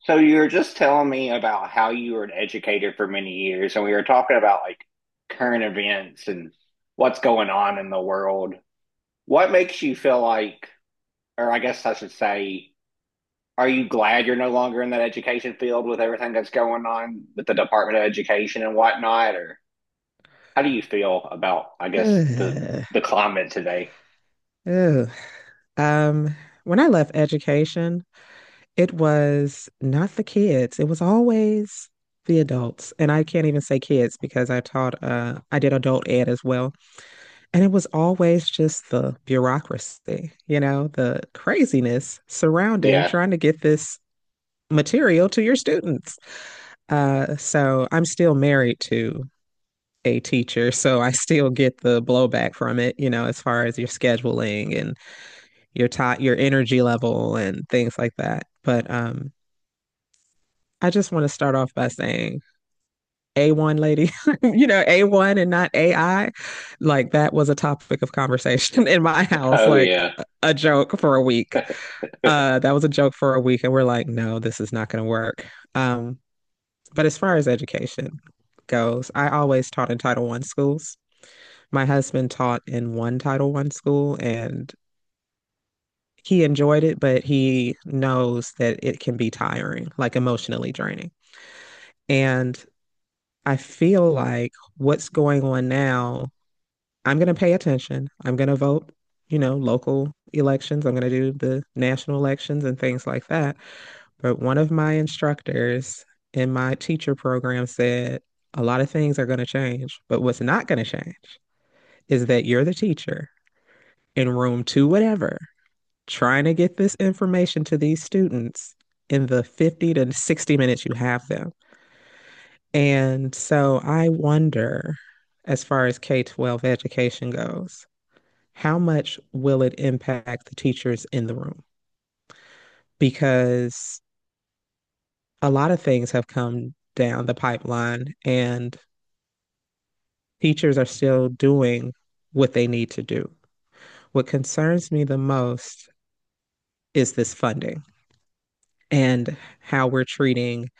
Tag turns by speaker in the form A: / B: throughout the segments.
A: So you were just telling me about how you were an educator for many years, and we were talking about like current events and what's going on in the world. What makes you feel like, or I guess I should say, are you glad you're no longer in that education field with everything that's going on with the Department of Education and whatnot? Or how do you feel about, I guess, the
B: Ugh.
A: the climate today?
B: Ugh. Um, when I left education, it was not the kids. It was always the adults. And I can't even say kids because I taught I did adult ed as well. And it was always just the bureaucracy, you know, the craziness surrounding
A: Yeah.
B: trying to get this material to your students. So I'm still married to a teacher, so I still get the blowback from it, you know, as far as your scheduling and your time, your energy level, and things like that. But I just want to start off by saying A1 lady, you know, A1 and not AI. Like that was a topic of conversation in my house,
A: Oh
B: like
A: yeah.
B: a joke for a week. That was a joke for a week. And we're like, no, this is not going to work. Um, but as far as education goes, I always taught in Title One schools. My husband taught in one Title One school and he enjoyed it, but he knows that it can be tiring, like emotionally draining. And I feel like what's going on now, I'm going to pay attention. I'm going to vote, you know, local elections. I'm going to do the national elections and things like that. But one of my instructors in my teacher program said a lot of things are going to change, but what's not going to change is that you're the teacher in room two, whatever, trying to get this information to these students in the 50 to 60 minutes you have them. And so I wonder, as far as K 12 education goes, how much will it impact the teachers in the room? Because a lot of things have come down the pipeline and teachers are still doing what they need to do. What concerns me the most is this funding and how we're treating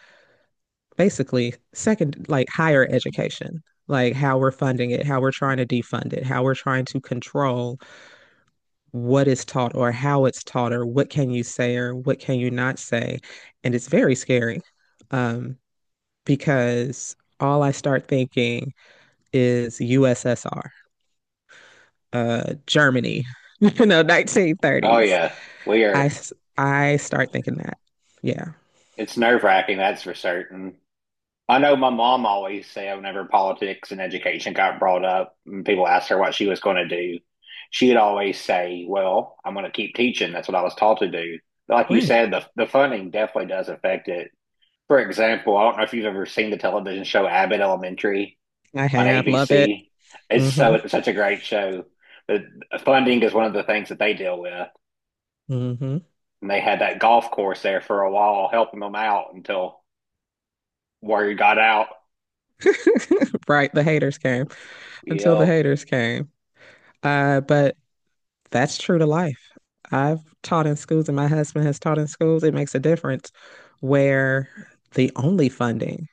B: basically second, like higher education, like how we're funding it, how we're trying to defund it, how we're trying to control what is taught or how it's taught or what can you say or what can you not say. And it's very scary um, because all I start thinking is USSR, Germany, you know,
A: Oh
B: 1930s.
A: yeah. We
B: I,
A: are,
B: I start thinking that. Yeah,
A: it's nerve-wracking, that's for certain. I know my mom always said whenever politics and education got brought up and people asked her what she was going to do, she'd always say, well, I'm going to keep teaching. That's what I was taught to do. Like you
B: right.
A: said, the funding definitely does affect it. For example, I don't know if you've ever seen the television show Abbott Elementary
B: I
A: on
B: have, love it.
A: ABC. It's so
B: Mm-hmm.
A: it's such a great show. The funding is one of the things that they deal with.
B: Mm-hmm.
A: And they had that golf course there for a while, helping them out until word got out.
B: Right. The haters came. Until the
A: Yep.
B: haters came. But that's true to life. I've taught in schools, and my husband has taught in schools. It makes a difference where the only funding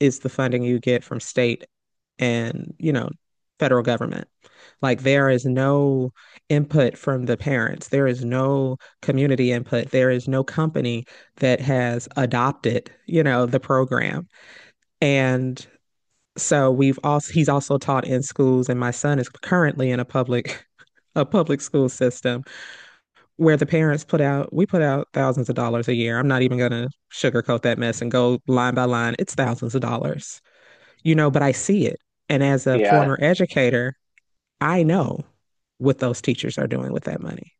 B: is the funding you get from state and, you know, federal government. Like there is no input from the parents. There is no community input. There is no company that has adopted, you know, the program. And so we've also he's also taught in schools, and my son is currently in a public a public school system where the parents put out we put out thousands of dollars a year. I'm not even gonna sugarcoat that mess and go line by line. It's thousands of dollars, you know, but I see it. And as a former
A: Yeah.
B: educator, I know what those teachers are doing with that money.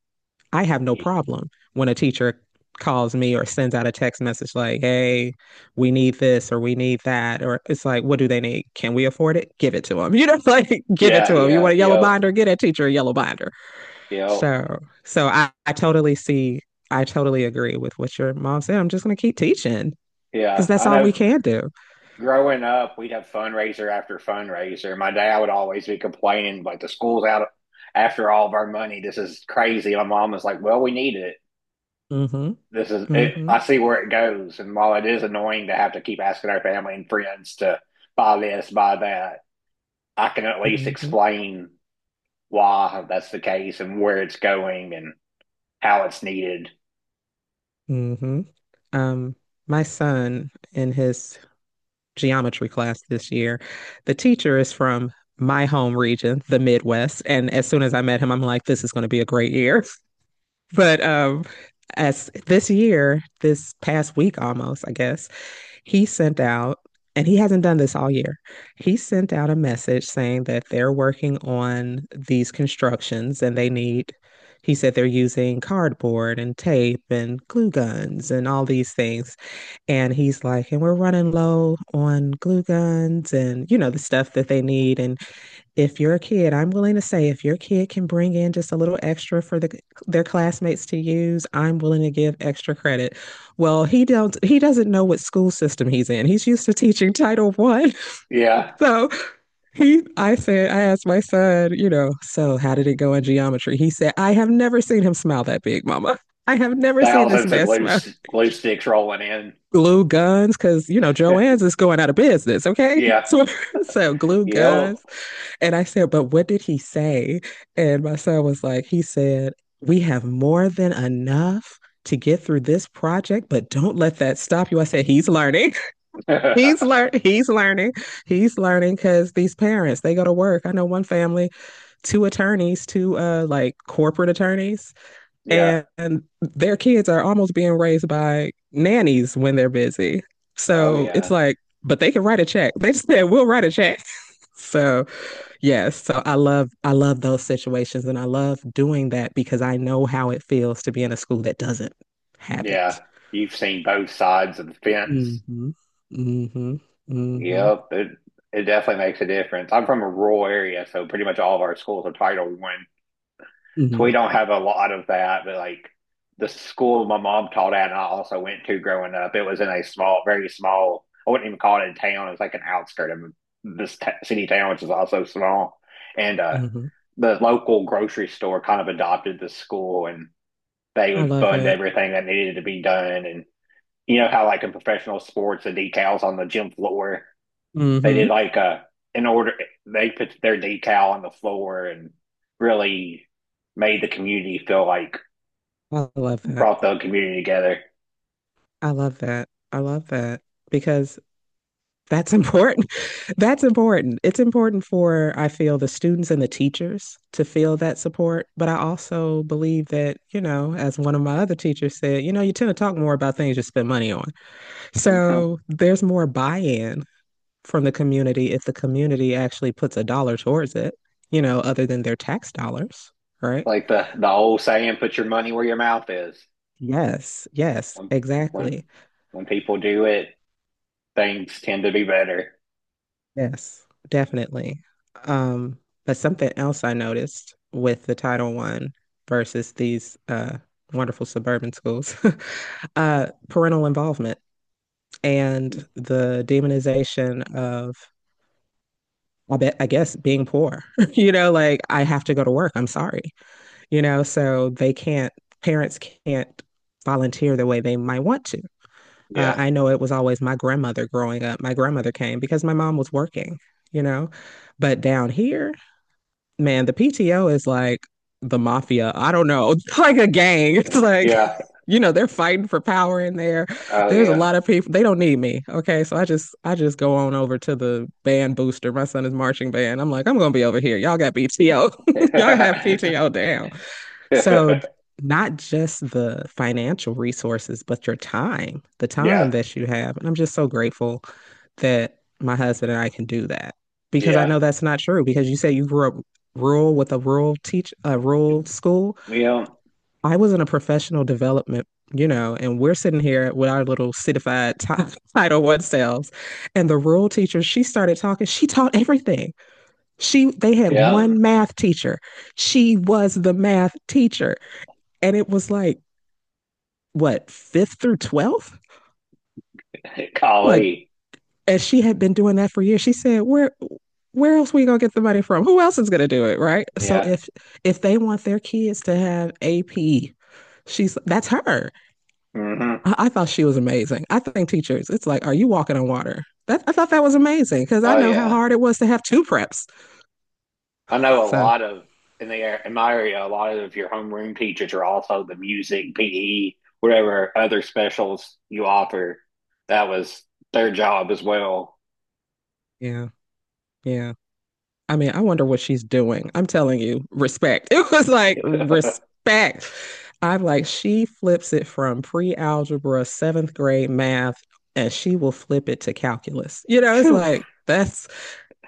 B: I have no problem when a teacher calls me or sends out a text message like, hey, we need this or we need that. Or it's like, what do they need? Can we afford it? Give it to them. You know, like give it
A: Yeah,
B: to them. You
A: yeah,
B: want a yellow
A: yep,
B: binder? Get a teacher a yellow binder.
A: yep,
B: So I totally see, I totally agree with what your mom said. I'm just going to keep teaching because
A: yeah.
B: that's
A: I
B: all we
A: know
B: can do.
A: growing up, we'd have fundraiser after fundraiser. My dad would always be complaining, like, the school's out after all of our money. This is crazy. My mom was like, well, we need it.
B: Hmm.
A: This is it.
B: Mm-hmm.
A: I see where it goes. And while it is annoying to have to keep asking our family and friends to buy this, buy that, I can at least
B: Mm-hmm.
A: explain why that's the case and where it's going and how it's needed.
B: Mm-hmm. Um, my son in his geometry class this year, the teacher is from my home region, the Midwest. And as soon as I met him, I'm like, this is going to be a great year. But as this year, this past week almost, I guess, he sent out, and he hasn't done this all year. He sent out a message saying that they're working on these constructions and he said they're using cardboard and tape and glue guns and all these things. And he's like, and we're running low on glue guns and, you know, the stuff that they need. And if your kid, I'm willing to say, if your kid can bring in just a little extra for their classmates to use, I'm willing to give extra credit. Well, he doesn't know what school system he's in. He's used to teaching Title One,
A: Yeah.
B: so he I said I asked my son, you know, so how did it go in geometry? He said, I have never seen him smile that big, Mama. I have never seen this
A: Thousands of
B: man
A: glue,
B: smile.
A: glue sticks rolling in.
B: Glue guns, because you know Joanne's is going out of business. Okay,
A: Yeah.
B: so glue guns.
A: Yep.
B: And I said, but what did he say? And my son was like, he said, we have more than enough to get through this project, but don't let that stop you. I said, he's learning. He's learning. He's learning. He's learning because these parents, they go to work. I know one family, two attorneys, two like corporate attorneys,
A: Yeah.
B: and their kids are almost being raised by nannies when they're busy.
A: Oh
B: So it's
A: yeah.
B: like, but they can write a check. They just said, we'll write a check. So yes, so I love those situations and I love doing that because I know how it feels to be in a school that doesn't have
A: Yeah.
B: it.
A: You've seen both sides of the fence.
B: Mm-hmm. Mm-hmm. Mm-hmm.
A: Yep. It definitely makes a difference. I'm from a rural area, so pretty much all of our schools are Title One. So we
B: Mm-hmm.
A: don't have a lot of that, but like the school my mom taught at and I also went to growing up, it was in a small, very small, I wouldn't even call it a town. It's like an outskirt of this t city town, which is also small. And
B: Mm-hmm.
A: the local grocery store kind of adopted the school and they
B: I
A: would
B: love
A: fund
B: it.
A: everything that needed to be done. And you know how like in professional sports, the decals on the gym floor, they did
B: Mm-hmm.
A: like a in order they put their decal on the floor and really made the community feel like
B: I love that.
A: brought the community together.
B: I love that. I love that because that's important. That's important. It's important for, I feel, the students and the teachers to feel that support. But I also believe that, you know, as one of my other teachers said, you know, you tend to talk more about things you spend money on.
A: Mm-hmm.
B: So there's more buy-in from the community if the community actually puts a dollar towards it, you know, other than their tax dollars, right?
A: Like the old saying, "Put your money where your mouth is."
B: Yes, yes,
A: When when
B: exactly.
A: when people do it, things tend to be better.
B: Yes, definitely. Um, but something else I noticed with the Title One versus these wonderful suburban schools, parental involvement and the demonization of, I guess, being poor. You know, like I have to go to work. I'm sorry. You know, so they can't, parents can't volunteer the way they might want to.
A: Yeah,
B: I know it was always my grandmother growing up. My grandmother came because my mom was working, you know, but down here, man, the PTO is like the mafia. I don't know, it's like a gang. It's like,
A: yeah,
B: you know, they're fighting for power in there.
A: oh
B: There's a
A: yeah,
B: lot of people. They don't need me. Okay, so I just go on over to the band booster. My son is marching band. I'm like, I'm gonna be over here. Y'all got PTO. Y'all have PTO down. So,
A: yeah,
B: not just the financial resources, but the time that you have. And I'm just so grateful that my husband and I can do that because I
A: yeah.
B: know that's not true. Because you say you grew up rural with a rural school.
A: You know,
B: I was in a professional development, you know, and we're sitting here with our little certified Title One selves. And the rural teacher, she started talking. She taught everything. They had
A: yeah.
B: one math teacher. She was the math teacher. And it was like, what fifth through 12th. Like,
A: Golly.
B: as she had been doing that for years, she said, where else we gonna get the money from? Who else is gonna do it, right?" So
A: Yeah.
B: if they want their kids to have AP, she's that's her.
A: Hmm.
B: I thought she was amazing. I think teachers, it's like, are you walking on water? I thought that was amazing because I
A: Oh,
B: know how
A: yeah.
B: hard it was to have two preps.
A: I know a
B: So
A: lot of in my area, a lot of your homeroom teachers are also the music, PE, whatever other specials you offer. That was their job as well.
B: yeah, yeah. I mean, I wonder what she's doing. I'm telling you, respect. It was like respect. I'm like, she flips it from pre-algebra, seventh grade math, and she will flip it to calculus. You know, it's
A: Phew.
B: like that's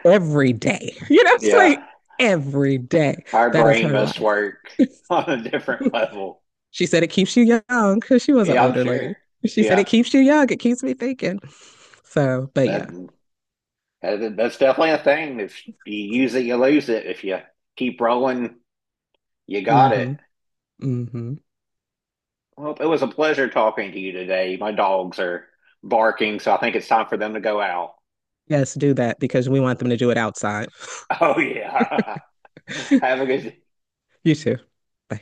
B: every day. You know, it's
A: Yeah.
B: like every day.
A: Our
B: That is
A: brain
B: her
A: must
B: life.
A: work on a different level.
B: She said it keeps you young because she was an
A: Yeah, I'm
B: older
A: sure.
B: lady. She said it
A: Yeah.
B: keeps you young. It keeps me thinking. So, but yeah.
A: That, that that's definitely a thing. If you use it, you lose it. If you keep rolling, you got it.
B: Mm-hmm. Mm-hmm.
A: Well, it was a pleasure talking to you today. My dogs are barking, so I think it's time for them to go out.
B: Yes, do that because we want them to do it outside.
A: Oh, yeah. Have a good day.
B: You too.